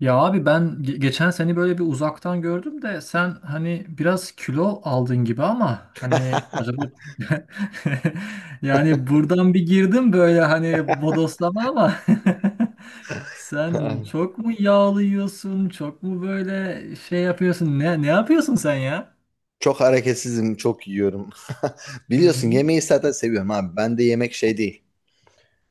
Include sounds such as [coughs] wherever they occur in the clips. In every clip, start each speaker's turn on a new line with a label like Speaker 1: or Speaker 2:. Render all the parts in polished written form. Speaker 1: Ya abi ben geçen seni böyle bir uzaktan gördüm de sen hani biraz kilo aldın gibi ama hani acaba, [laughs] yani buradan bir girdim böyle hani bodoslama ama.
Speaker 2: [laughs]
Speaker 1: [laughs] Sen
Speaker 2: Ay,
Speaker 1: çok mu yağlı yiyorsun, çok mu böyle şey yapıyorsun, ne ne yapıyorsun sen ya?
Speaker 2: çok hareketsizim, çok yiyorum. [laughs]
Speaker 1: Hı
Speaker 2: Biliyorsun
Speaker 1: hı.
Speaker 2: yemeği zaten seviyorum abi. Ben de yemek şey değil.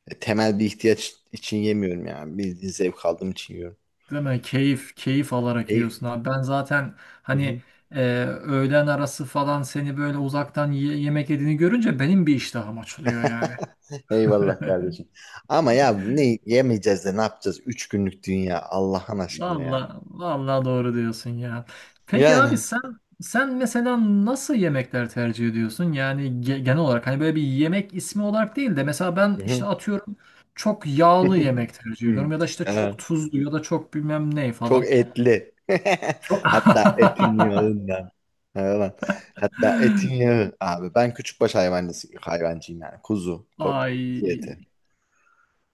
Speaker 2: E, temel bir ihtiyaç için yemiyorum yani. Bildiğin zevk aldığım için yiyorum.
Speaker 1: Değil mi? Keyif keyif alarak
Speaker 2: Keyif.
Speaker 1: yiyorsun abi, ben zaten
Speaker 2: Hı
Speaker 1: hani
Speaker 2: hı.
Speaker 1: öğlen arası falan seni böyle uzaktan yemek yediğini görünce benim bir iştahım açılıyor yani.
Speaker 2: [laughs] Eyvallah
Speaker 1: [laughs]
Speaker 2: kardeşim. Ama ya ne yemeyeceğiz de ne yapacağız? 3 günlük dünya Allah'ın aşkına ya.
Speaker 1: Valla valla doğru diyorsun ya. Peki abi
Speaker 2: Yani.
Speaker 1: sen sen mesela nasıl yemekler tercih ediyorsun? Yani genel olarak hani böyle bir yemek ismi olarak değil de mesela ben
Speaker 2: Hı
Speaker 1: işte
Speaker 2: hı.
Speaker 1: atıyorum çok yağlı
Speaker 2: [laughs]
Speaker 1: yemek tercih
Speaker 2: Hı.
Speaker 1: ediyorum ya da işte çok
Speaker 2: Evet.
Speaker 1: tuzlu ya da çok bilmem ne
Speaker 2: Çok
Speaker 1: falan.
Speaker 2: etli. [laughs]
Speaker 1: Çok
Speaker 2: Hatta
Speaker 1: [laughs]
Speaker 2: etin yağından. Hayvan. Hatta etin yağı. Abi ben küçükbaş hayvancısı, hayvancıyım yani. Kuzu. Kuzu
Speaker 1: ay
Speaker 2: eti.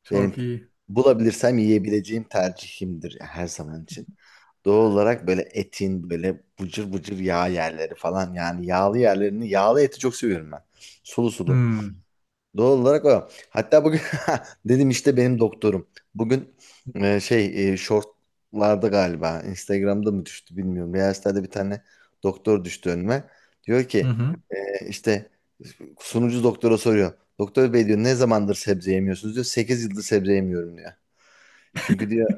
Speaker 1: çok
Speaker 2: Benim
Speaker 1: iyi.
Speaker 2: bulabilirsem yiyebileceğim tercihimdir ya her zaman için. Doğal olarak böyle etin böyle bıcır bıcır yağ yerleri falan yani yağlı yerlerini yağlı eti çok seviyorum ben. Sulu sulu.
Speaker 1: Hmm.
Speaker 2: Doğal olarak o. Hatta bugün [laughs] dedim işte benim doktorum. Bugün shortlarda galiba Instagram'da mı düştü bilmiyorum. Reels'lerde bir tane doktor düştü önüme. Diyor
Speaker 1: Hı
Speaker 2: ki
Speaker 1: hı.
Speaker 2: işte sunucu doktora soruyor. Doktor bey diyor ne zamandır sebze yemiyorsunuz diyor. 8 yıldır sebze yemiyorum diyor. Çünkü diyor,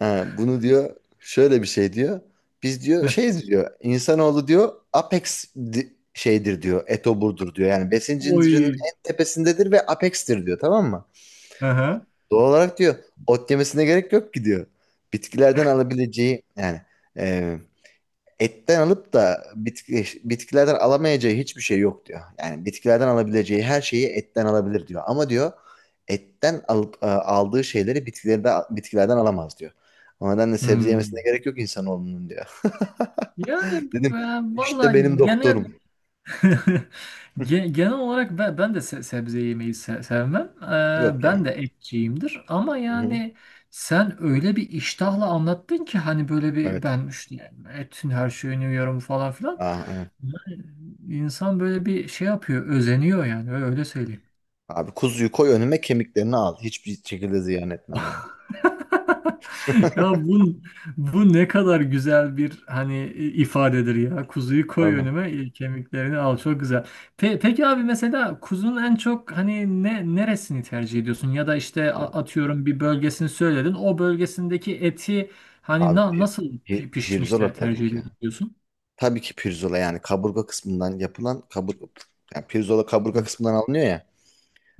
Speaker 2: ha, bunu diyor şöyle bir şey diyor. Biz
Speaker 1: [laughs]
Speaker 2: diyor
Speaker 1: Heh.
Speaker 2: şeyiz diyor. İnsanoğlu diyor apex şeydir diyor. Etoburdur diyor. Yani besin zincirinin
Speaker 1: Oy.
Speaker 2: en tepesindedir ve apex'tir diyor, tamam mı?
Speaker 1: Hı hı.
Speaker 2: Doğal olarak diyor ot yemesine gerek yok ki diyor. Bitkilerden alabileceği yani e, etten alıp da bitkilerden alamayacağı hiçbir şey yok diyor. Yani bitkilerden alabileceği her şeyi etten alabilir diyor. Ama diyor etten alıp aldığı şeyleri bitkilerde, bitkilerden alamaz diyor. O nedenle sebze yemesine
Speaker 1: Hmm.
Speaker 2: gerek yok insanoğlunun diyor.
Speaker 1: Yani
Speaker 2: [laughs] Dedim
Speaker 1: ben valla
Speaker 2: işte benim
Speaker 1: genel
Speaker 2: doktorum.
Speaker 1: [laughs] Genel olarak ben de sebze yemeyi sevmem.
Speaker 2: Yok yani.
Speaker 1: Ben de etçiyimdir. Ama
Speaker 2: Hı-hı.
Speaker 1: yani sen öyle bir iştahla anlattın ki hani böyle bir
Speaker 2: Evet.
Speaker 1: ben işte yani etin her şeyini yiyorum falan filan.
Speaker 2: Aa, aynen.
Speaker 1: Yani İnsan böyle bir şey yapıyor, özeniyor yani öyle söyleyeyim.
Speaker 2: Abi kuzuyu koy önüme, kemiklerini al. Hiçbir şekilde ziyan etmem yani.
Speaker 1: [laughs] Ya
Speaker 2: [laughs]
Speaker 1: bu ne kadar güzel bir hani ifadedir ya. Kuzuyu koy
Speaker 2: Tamam.
Speaker 1: önüme, e, kemiklerini al. Çok güzel. Peki abi mesela kuzunun en çok hani ne neresini tercih ediyorsun? Ya da işte
Speaker 2: Abi,
Speaker 1: atıyorum bir bölgesini söyledin. O bölgesindeki eti hani
Speaker 2: abi
Speaker 1: nasıl pişmiş de
Speaker 2: pirzola tabii
Speaker 1: tercih
Speaker 2: ki ya.
Speaker 1: ediyorsun?
Speaker 2: Tabii ki pirzola yani kaburga kısmından yapılan kaburga yani pirzola kaburga
Speaker 1: Hı
Speaker 2: kısmından alınıyor ya.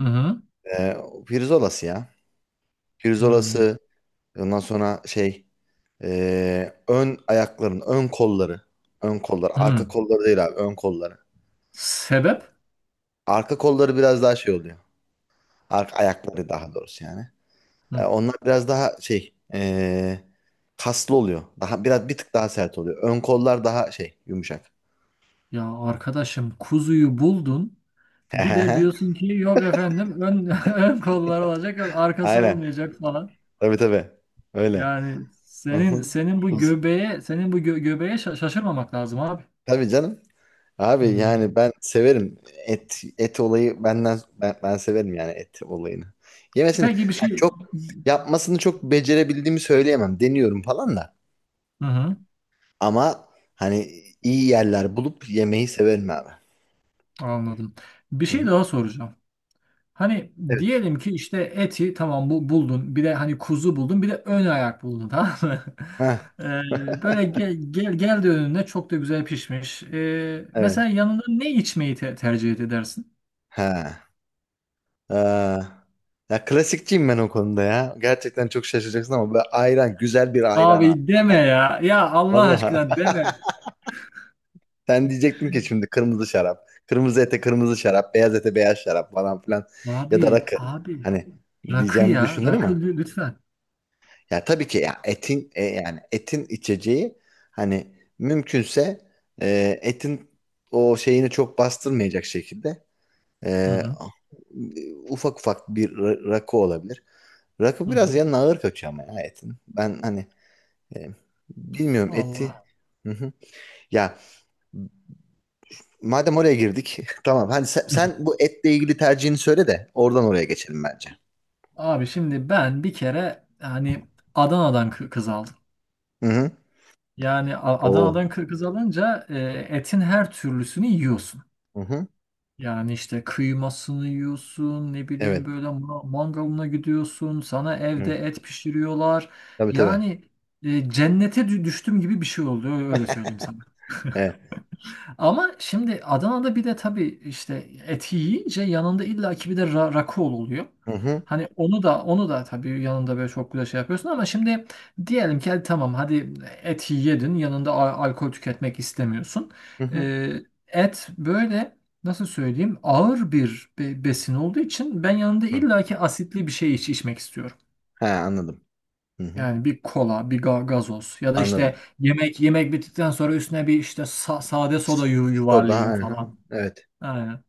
Speaker 1: hı.
Speaker 2: O pirzolası ya.
Speaker 1: Hı
Speaker 2: Pirzolası ondan sonra ön ayakların ön kolları. Ön kolları.
Speaker 1: hı.
Speaker 2: Arka kolları değil abi, ön kolları.
Speaker 1: Sebep?
Speaker 2: Arka kolları biraz daha şey oluyor. Arka ayakları daha doğrusu yani. Ee,
Speaker 1: Hı.
Speaker 2: onlar biraz daha kaslı oluyor. Daha biraz bir tık daha sert oluyor. Ön kollar daha şey yumuşak.
Speaker 1: Ya arkadaşım kuzuyu buldun. Bir de
Speaker 2: [laughs]
Speaker 1: diyorsun ki yok efendim ön, [laughs] ön kollar olacak, yok arkası
Speaker 2: Aynen.
Speaker 1: olmayacak falan.
Speaker 2: Tabii tabii. Öyle.
Speaker 1: Yani
Speaker 2: Hı hı.
Speaker 1: senin senin bu
Speaker 2: Kuz-
Speaker 1: göbeğe senin bu göbeğe şaşırmamak lazım abi.
Speaker 2: Tabii canım. Abi yani
Speaker 1: Hmm.
Speaker 2: ben severim, et et olayı benden, ben severim yani et olayını. Yemesini
Speaker 1: Peki bir
Speaker 2: hani
Speaker 1: şey,
Speaker 2: çok, yapmasını çok becerebildiğimi söyleyemem. Deniyorum falan da.
Speaker 1: hı hı,
Speaker 2: Ama hani iyi yerler bulup yemeyi severim abi.
Speaker 1: anladım. Bir
Speaker 2: Hı
Speaker 1: şey
Speaker 2: hı.
Speaker 1: daha soracağım. Hani
Speaker 2: Evet.
Speaker 1: diyelim ki işte eti tamam bu buldun. Bir de hani kuzu buldun. Bir de ön ayak buldun tamam mı? [laughs]
Speaker 2: Ha. [laughs]
Speaker 1: Böyle gel geldi önüne, çok da güzel pişmiş. Mesela
Speaker 2: Evet.
Speaker 1: yanında ne içmeyi tercih edersin?
Speaker 2: Ha. Aa. Ya klasikçiyim ben o konuda ya. Gerçekten çok şaşıracaksın ama böyle ayran, güzel bir ayran abi.
Speaker 1: Abi deme ya. Ya Allah
Speaker 2: Vallahi.
Speaker 1: aşkına deme.
Speaker 2: Sen diyecektin ki şimdi kırmızı şarap, kırmızı ete kırmızı şarap, beyaz ete beyaz şarap falan filan ya da
Speaker 1: Abi,
Speaker 2: rakı.
Speaker 1: abi.
Speaker 2: Hani
Speaker 1: Rakı
Speaker 2: diyeceğimi
Speaker 1: ya.
Speaker 2: düşündün
Speaker 1: Rakı
Speaker 2: ama
Speaker 1: lütfen.
Speaker 2: ya tabii ki ya etin yani etin içeceği hani mümkünse etin o şeyini çok bastırmayacak şekilde
Speaker 1: Hı
Speaker 2: e,
Speaker 1: hı.
Speaker 2: ufak ufak bir rakı olabilir.
Speaker 1: Hı
Speaker 2: Rakı biraz
Speaker 1: hı.
Speaker 2: yanına ağır kaçıyor ama ya etin. Ben hani e, bilmiyorum eti.
Speaker 1: Allah.
Speaker 2: Hı hı. Ya madem oraya girdik, [laughs] tamam. Hani sen,
Speaker 1: Hı hı.
Speaker 2: sen bu etle ilgili tercihini söyle de oradan oraya geçelim bence.
Speaker 1: Abi şimdi ben bir kere hani Adana'dan kız aldım.
Speaker 2: Hı hı.
Speaker 1: Yani
Speaker 2: Oo.
Speaker 1: Adana'dan kız alınca etin her türlüsünü yiyorsun.
Speaker 2: Hı hı.
Speaker 1: Yani işte kıymasını yiyorsun, ne bileyim
Speaker 2: Evet.
Speaker 1: böyle mangalına gidiyorsun, sana evde
Speaker 2: Hı.
Speaker 1: et pişiriyorlar.
Speaker 2: Tabii tabii.
Speaker 1: Yani cennete düştüm gibi bir şey oldu, öyle öyle söyleyeyim sana.
Speaker 2: [laughs] Evet.
Speaker 1: Ama şimdi Adana'da bir de tabii işte eti yiyince yanında illaki bir de rakı oluyor.
Speaker 2: Hı hı.
Speaker 1: Hani onu da onu da tabii yanında böyle çok güzel şey yapıyorsun ama şimdi diyelim ki hadi tamam, hadi eti yedin, yanında alkol tüketmek istemiyorsun.
Speaker 2: Hı hı.
Speaker 1: Ee, Et böyle nasıl söyleyeyim, ağır bir besin olduğu için ben yanında
Speaker 2: Hı.
Speaker 1: illaki asitli bir şey içmek istiyorum.
Speaker 2: He, anladım. Hı hı.
Speaker 1: Yani bir kola, bir gazoz ya da işte
Speaker 2: Anladım.
Speaker 1: yemek bittikten sonra üstüne bir işte sade soda
Speaker 2: Soda. Hı
Speaker 1: yuvarlayayım
Speaker 2: hı.
Speaker 1: falan.
Speaker 2: Evet.
Speaker 1: Aynen.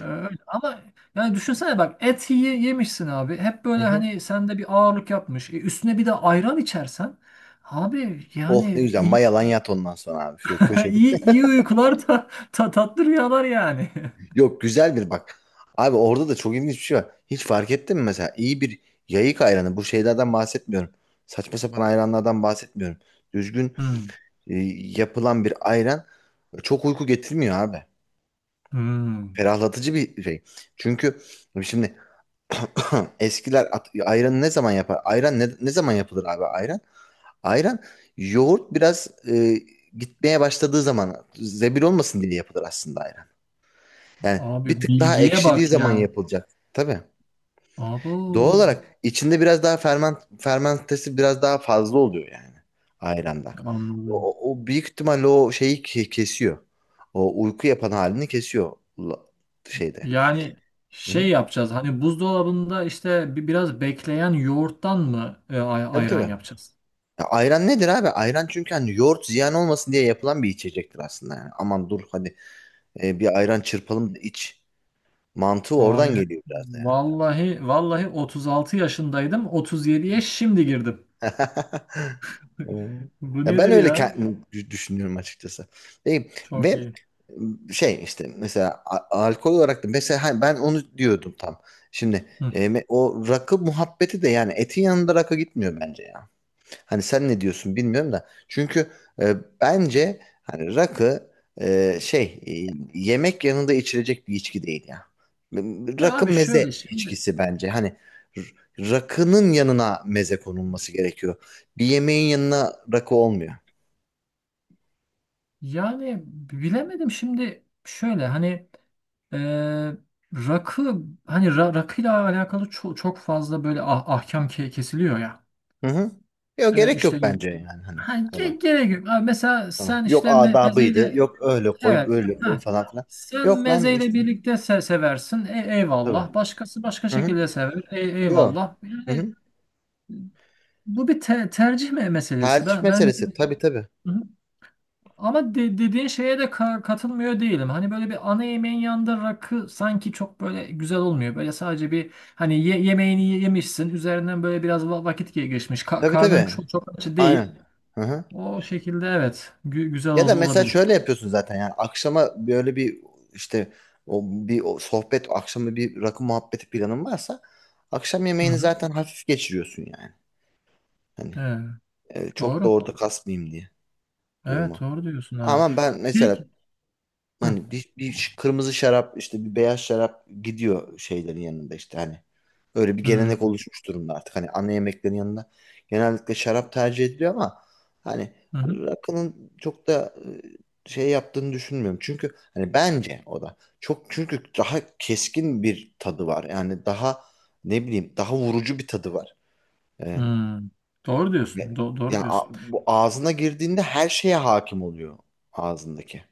Speaker 1: Öyle. Ama yani düşünsene bak, et yemişsin abi. Hep
Speaker 2: Hı
Speaker 1: böyle
Speaker 2: hı.
Speaker 1: hani sende bir ağırlık yapmış. E, üstüne bir de ayran içersen abi
Speaker 2: Oh,
Speaker 1: yani
Speaker 2: ne güzel.
Speaker 1: iyi,
Speaker 2: Mayalan yat ondan sonra abi şu
Speaker 1: [laughs]
Speaker 2: köşede.
Speaker 1: iyi uykular, tatlı rüyalar yani. [laughs]
Speaker 2: Yok, güzel bir bak. Abi orada da çok ilginç bir şey var. Hiç fark ettin mi mesela? İyi bir yayık ayranı. Bu şeylerden bahsetmiyorum. Saçma sapan ayranlardan bahsetmiyorum. Düzgün
Speaker 1: Hmm.
Speaker 2: e, yapılan bir ayran çok uyku getirmiyor abi.
Speaker 1: Hmm.
Speaker 2: Ferahlatıcı bir şey. Çünkü şimdi [coughs] [clears throat] eskiler ayranı ne zaman yapar? Ayran ne zaman yapılır abi ayran? Ayran yoğurt biraz gitmeye başladığı zaman zebil olmasın diye yapılır aslında ayran. Yani bir
Speaker 1: Abi
Speaker 2: tık daha
Speaker 1: bilgiye
Speaker 2: ekşidiği
Speaker 1: bak
Speaker 2: zaman
Speaker 1: ya.
Speaker 2: yapılacak. Tabii.
Speaker 1: Abi
Speaker 2: Doğal olarak içinde biraz daha fermentesi biraz daha fazla oluyor yani ayranda. O,
Speaker 1: anladım.
Speaker 2: o- o büyük ihtimalle o şeyi kesiyor. O uyku yapan halini kesiyor la- şeyde.
Speaker 1: Yani şey
Speaker 2: Hı-hı.
Speaker 1: yapacağız hani buzdolabında işte biraz bekleyen yoğurttan mı
Speaker 2: Tabii
Speaker 1: ayran
Speaker 2: tabii.
Speaker 1: yapacağız?
Speaker 2: Ya ayran nedir abi? Ayran çünkü hani yoğurt ziyan olmasın diye yapılan bir içecektir aslında yani. Aman dur hadi bir ayran çırpalım da iç. Mantığı
Speaker 1: Abi
Speaker 2: oradan geliyor biraz da yani.
Speaker 1: vallahi vallahi 36 yaşındaydım. 37'ye şimdi girdim.
Speaker 2: [laughs] Hmm.
Speaker 1: [laughs] Bu
Speaker 2: Ya ben
Speaker 1: nedir
Speaker 2: öyle
Speaker 1: ya?
Speaker 2: kendim düşünüyorum açıkçası. Ve,
Speaker 1: Çok
Speaker 2: ve
Speaker 1: iyi.
Speaker 2: şey işte mesela alkol olarak da mesela hani ben onu diyordum tam. Şimdi
Speaker 1: Hı.
Speaker 2: o rakı muhabbeti de yani etin yanında rakı gitmiyor bence. Hani sen ne diyorsun bilmiyorum da. Çünkü bence hani rakı e, şey e, yemek yanında içilecek bir içki değil ya.
Speaker 1: Ya
Speaker 2: Rakı
Speaker 1: abi
Speaker 2: meze
Speaker 1: şöyle şimdi
Speaker 2: içkisi bence. Hani rakının yanına meze konulması gerekiyor. Bir yemeğin yanına rakı olmuyor.
Speaker 1: yani bilemedim, şimdi şöyle hani e, rakı hani rakıyla alakalı çok fazla böyle ahkam kesiliyor ya.
Speaker 2: Hı hı. Yok,
Speaker 1: E,
Speaker 2: gerek yok
Speaker 1: işte
Speaker 2: bence yani hani
Speaker 1: ha,
Speaker 2: ona.
Speaker 1: gerek yok. Abi mesela
Speaker 2: Tamam.
Speaker 1: sen
Speaker 2: Yok
Speaker 1: işte
Speaker 2: adabıydı.
Speaker 1: mezeyle
Speaker 2: Yok öyle koy
Speaker 1: evet.
Speaker 2: böyle koy
Speaker 1: Ha.
Speaker 2: falan filan.
Speaker 1: Sen
Speaker 2: Yok lan
Speaker 1: mezeyle
Speaker 2: işte.
Speaker 1: birlikte seversin.
Speaker 2: Tabii.
Speaker 1: Eyvallah. Başkası başka
Speaker 2: Hı hı.
Speaker 1: şekilde sever.
Speaker 2: Yok.
Speaker 1: Eyvallah.
Speaker 2: Hı
Speaker 1: Yani
Speaker 2: hı.
Speaker 1: bu bir tercih meselesi.
Speaker 2: Tercih
Speaker 1: Ben
Speaker 2: meselesi. Tabii tabii.
Speaker 1: hı hı, ama dediğin şeye de katılmıyor değilim. Hani böyle bir ana yemeğin yanında rakı sanki çok böyle güzel olmuyor. Böyle sadece bir hani yemeğini yemişsin. Üzerinden böyle biraz vakit geçmiş.
Speaker 2: Tabii
Speaker 1: Karnın
Speaker 2: tabii.
Speaker 1: çok çok aç değil.
Speaker 2: Aynen. Hı hı.
Speaker 1: O şekilde evet. Güzel
Speaker 2: Ya da mesela
Speaker 1: olabilir.
Speaker 2: şöyle yapıyorsun zaten yani, akşama böyle bir işte o bir o sohbet, akşama bir rakı muhabbeti planın varsa akşam
Speaker 1: Hı
Speaker 2: yemeğini
Speaker 1: hı.
Speaker 2: zaten hafif geçiriyorsun yani. Hani
Speaker 1: Evet.
Speaker 2: çok da
Speaker 1: Doğru.
Speaker 2: orada kasmayayım diye
Speaker 1: Evet
Speaker 2: durumu.
Speaker 1: doğru diyorsun abi.
Speaker 2: Ama ben mesela
Speaker 1: Peki. Hı.
Speaker 2: hani bir kırmızı şarap işte bir beyaz şarap gidiyor şeylerin yanında işte hani. Öyle bir gelenek
Speaker 1: Hmm,
Speaker 2: oluşmuş durumda artık. Hani ana yemeklerin yanında genellikle şarap tercih ediliyor ama hani
Speaker 1: hı hı,
Speaker 2: rakının çok da şey yaptığını düşünmüyorum. Çünkü hani bence o da çok, çünkü daha keskin bir tadı var. Yani daha ne bileyim daha vurucu bir tadı var. Ee,
Speaker 1: hmm. Doğru diyorsun.
Speaker 2: ve-
Speaker 1: Doğru
Speaker 2: Yani
Speaker 1: diyorsun.
Speaker 2: bu ağzına girdiğinde her şeye hakim oluyor ağzındaki.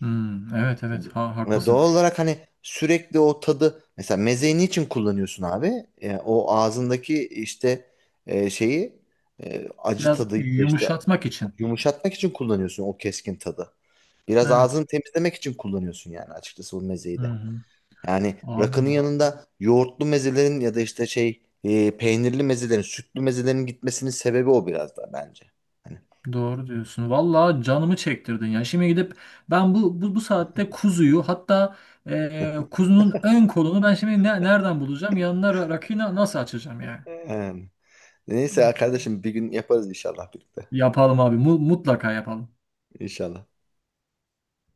Speaker 1: Hmm, evet evet ha,
Speaker 2: Ve
Speaker 1: haklısın.
Speaker 2: doğal olarak hani sürekli o tadı, mesela mezeyi niçin kullanıyorsun abi? O ağzındaki işte şeyi, acı
Speaker 1: Biraz
Speaker 2: tadı ya da işte
Speaker 1: yumuşatmak için.
Speaker 2: yumuşatmak için kullanıyorsun o keskin tadı. Biraz
Speaker 1: Evet.
Speaker 2: ağzını temizlemek için kullanıyorsun yani açıkçası bu mezeyi
Speaker 1: Hı
Speaker 2: de.
Speaker 1: hı.
Speaker 2: Yani
Speaker 1: Abi
Speaker 2: rakının yanında yoğurtlu mezelerin ya da işte peynirli mezelerin, sütlü mezelerin gitmesinin sebebi o biraz da bence. Hani.
Speaker 1: doğru diyorsun. Vallahi canımı çektirdin ya. Şimdi gidip ben bu saatte kuzuyu hatta
Speaker 2: [laughs]
Speaker 1: kuzunun ön kolunu ben şimdi nereden bulacağım? Yanına rakıyı nasıl açacağım yani?
Speaker 2: Em, Neyse kardeşim bir gün yaparız inşallah birlikte.
Speaker 1: Yapalım abi, mutlaka yapalım.
Speaker 2: İnşallah.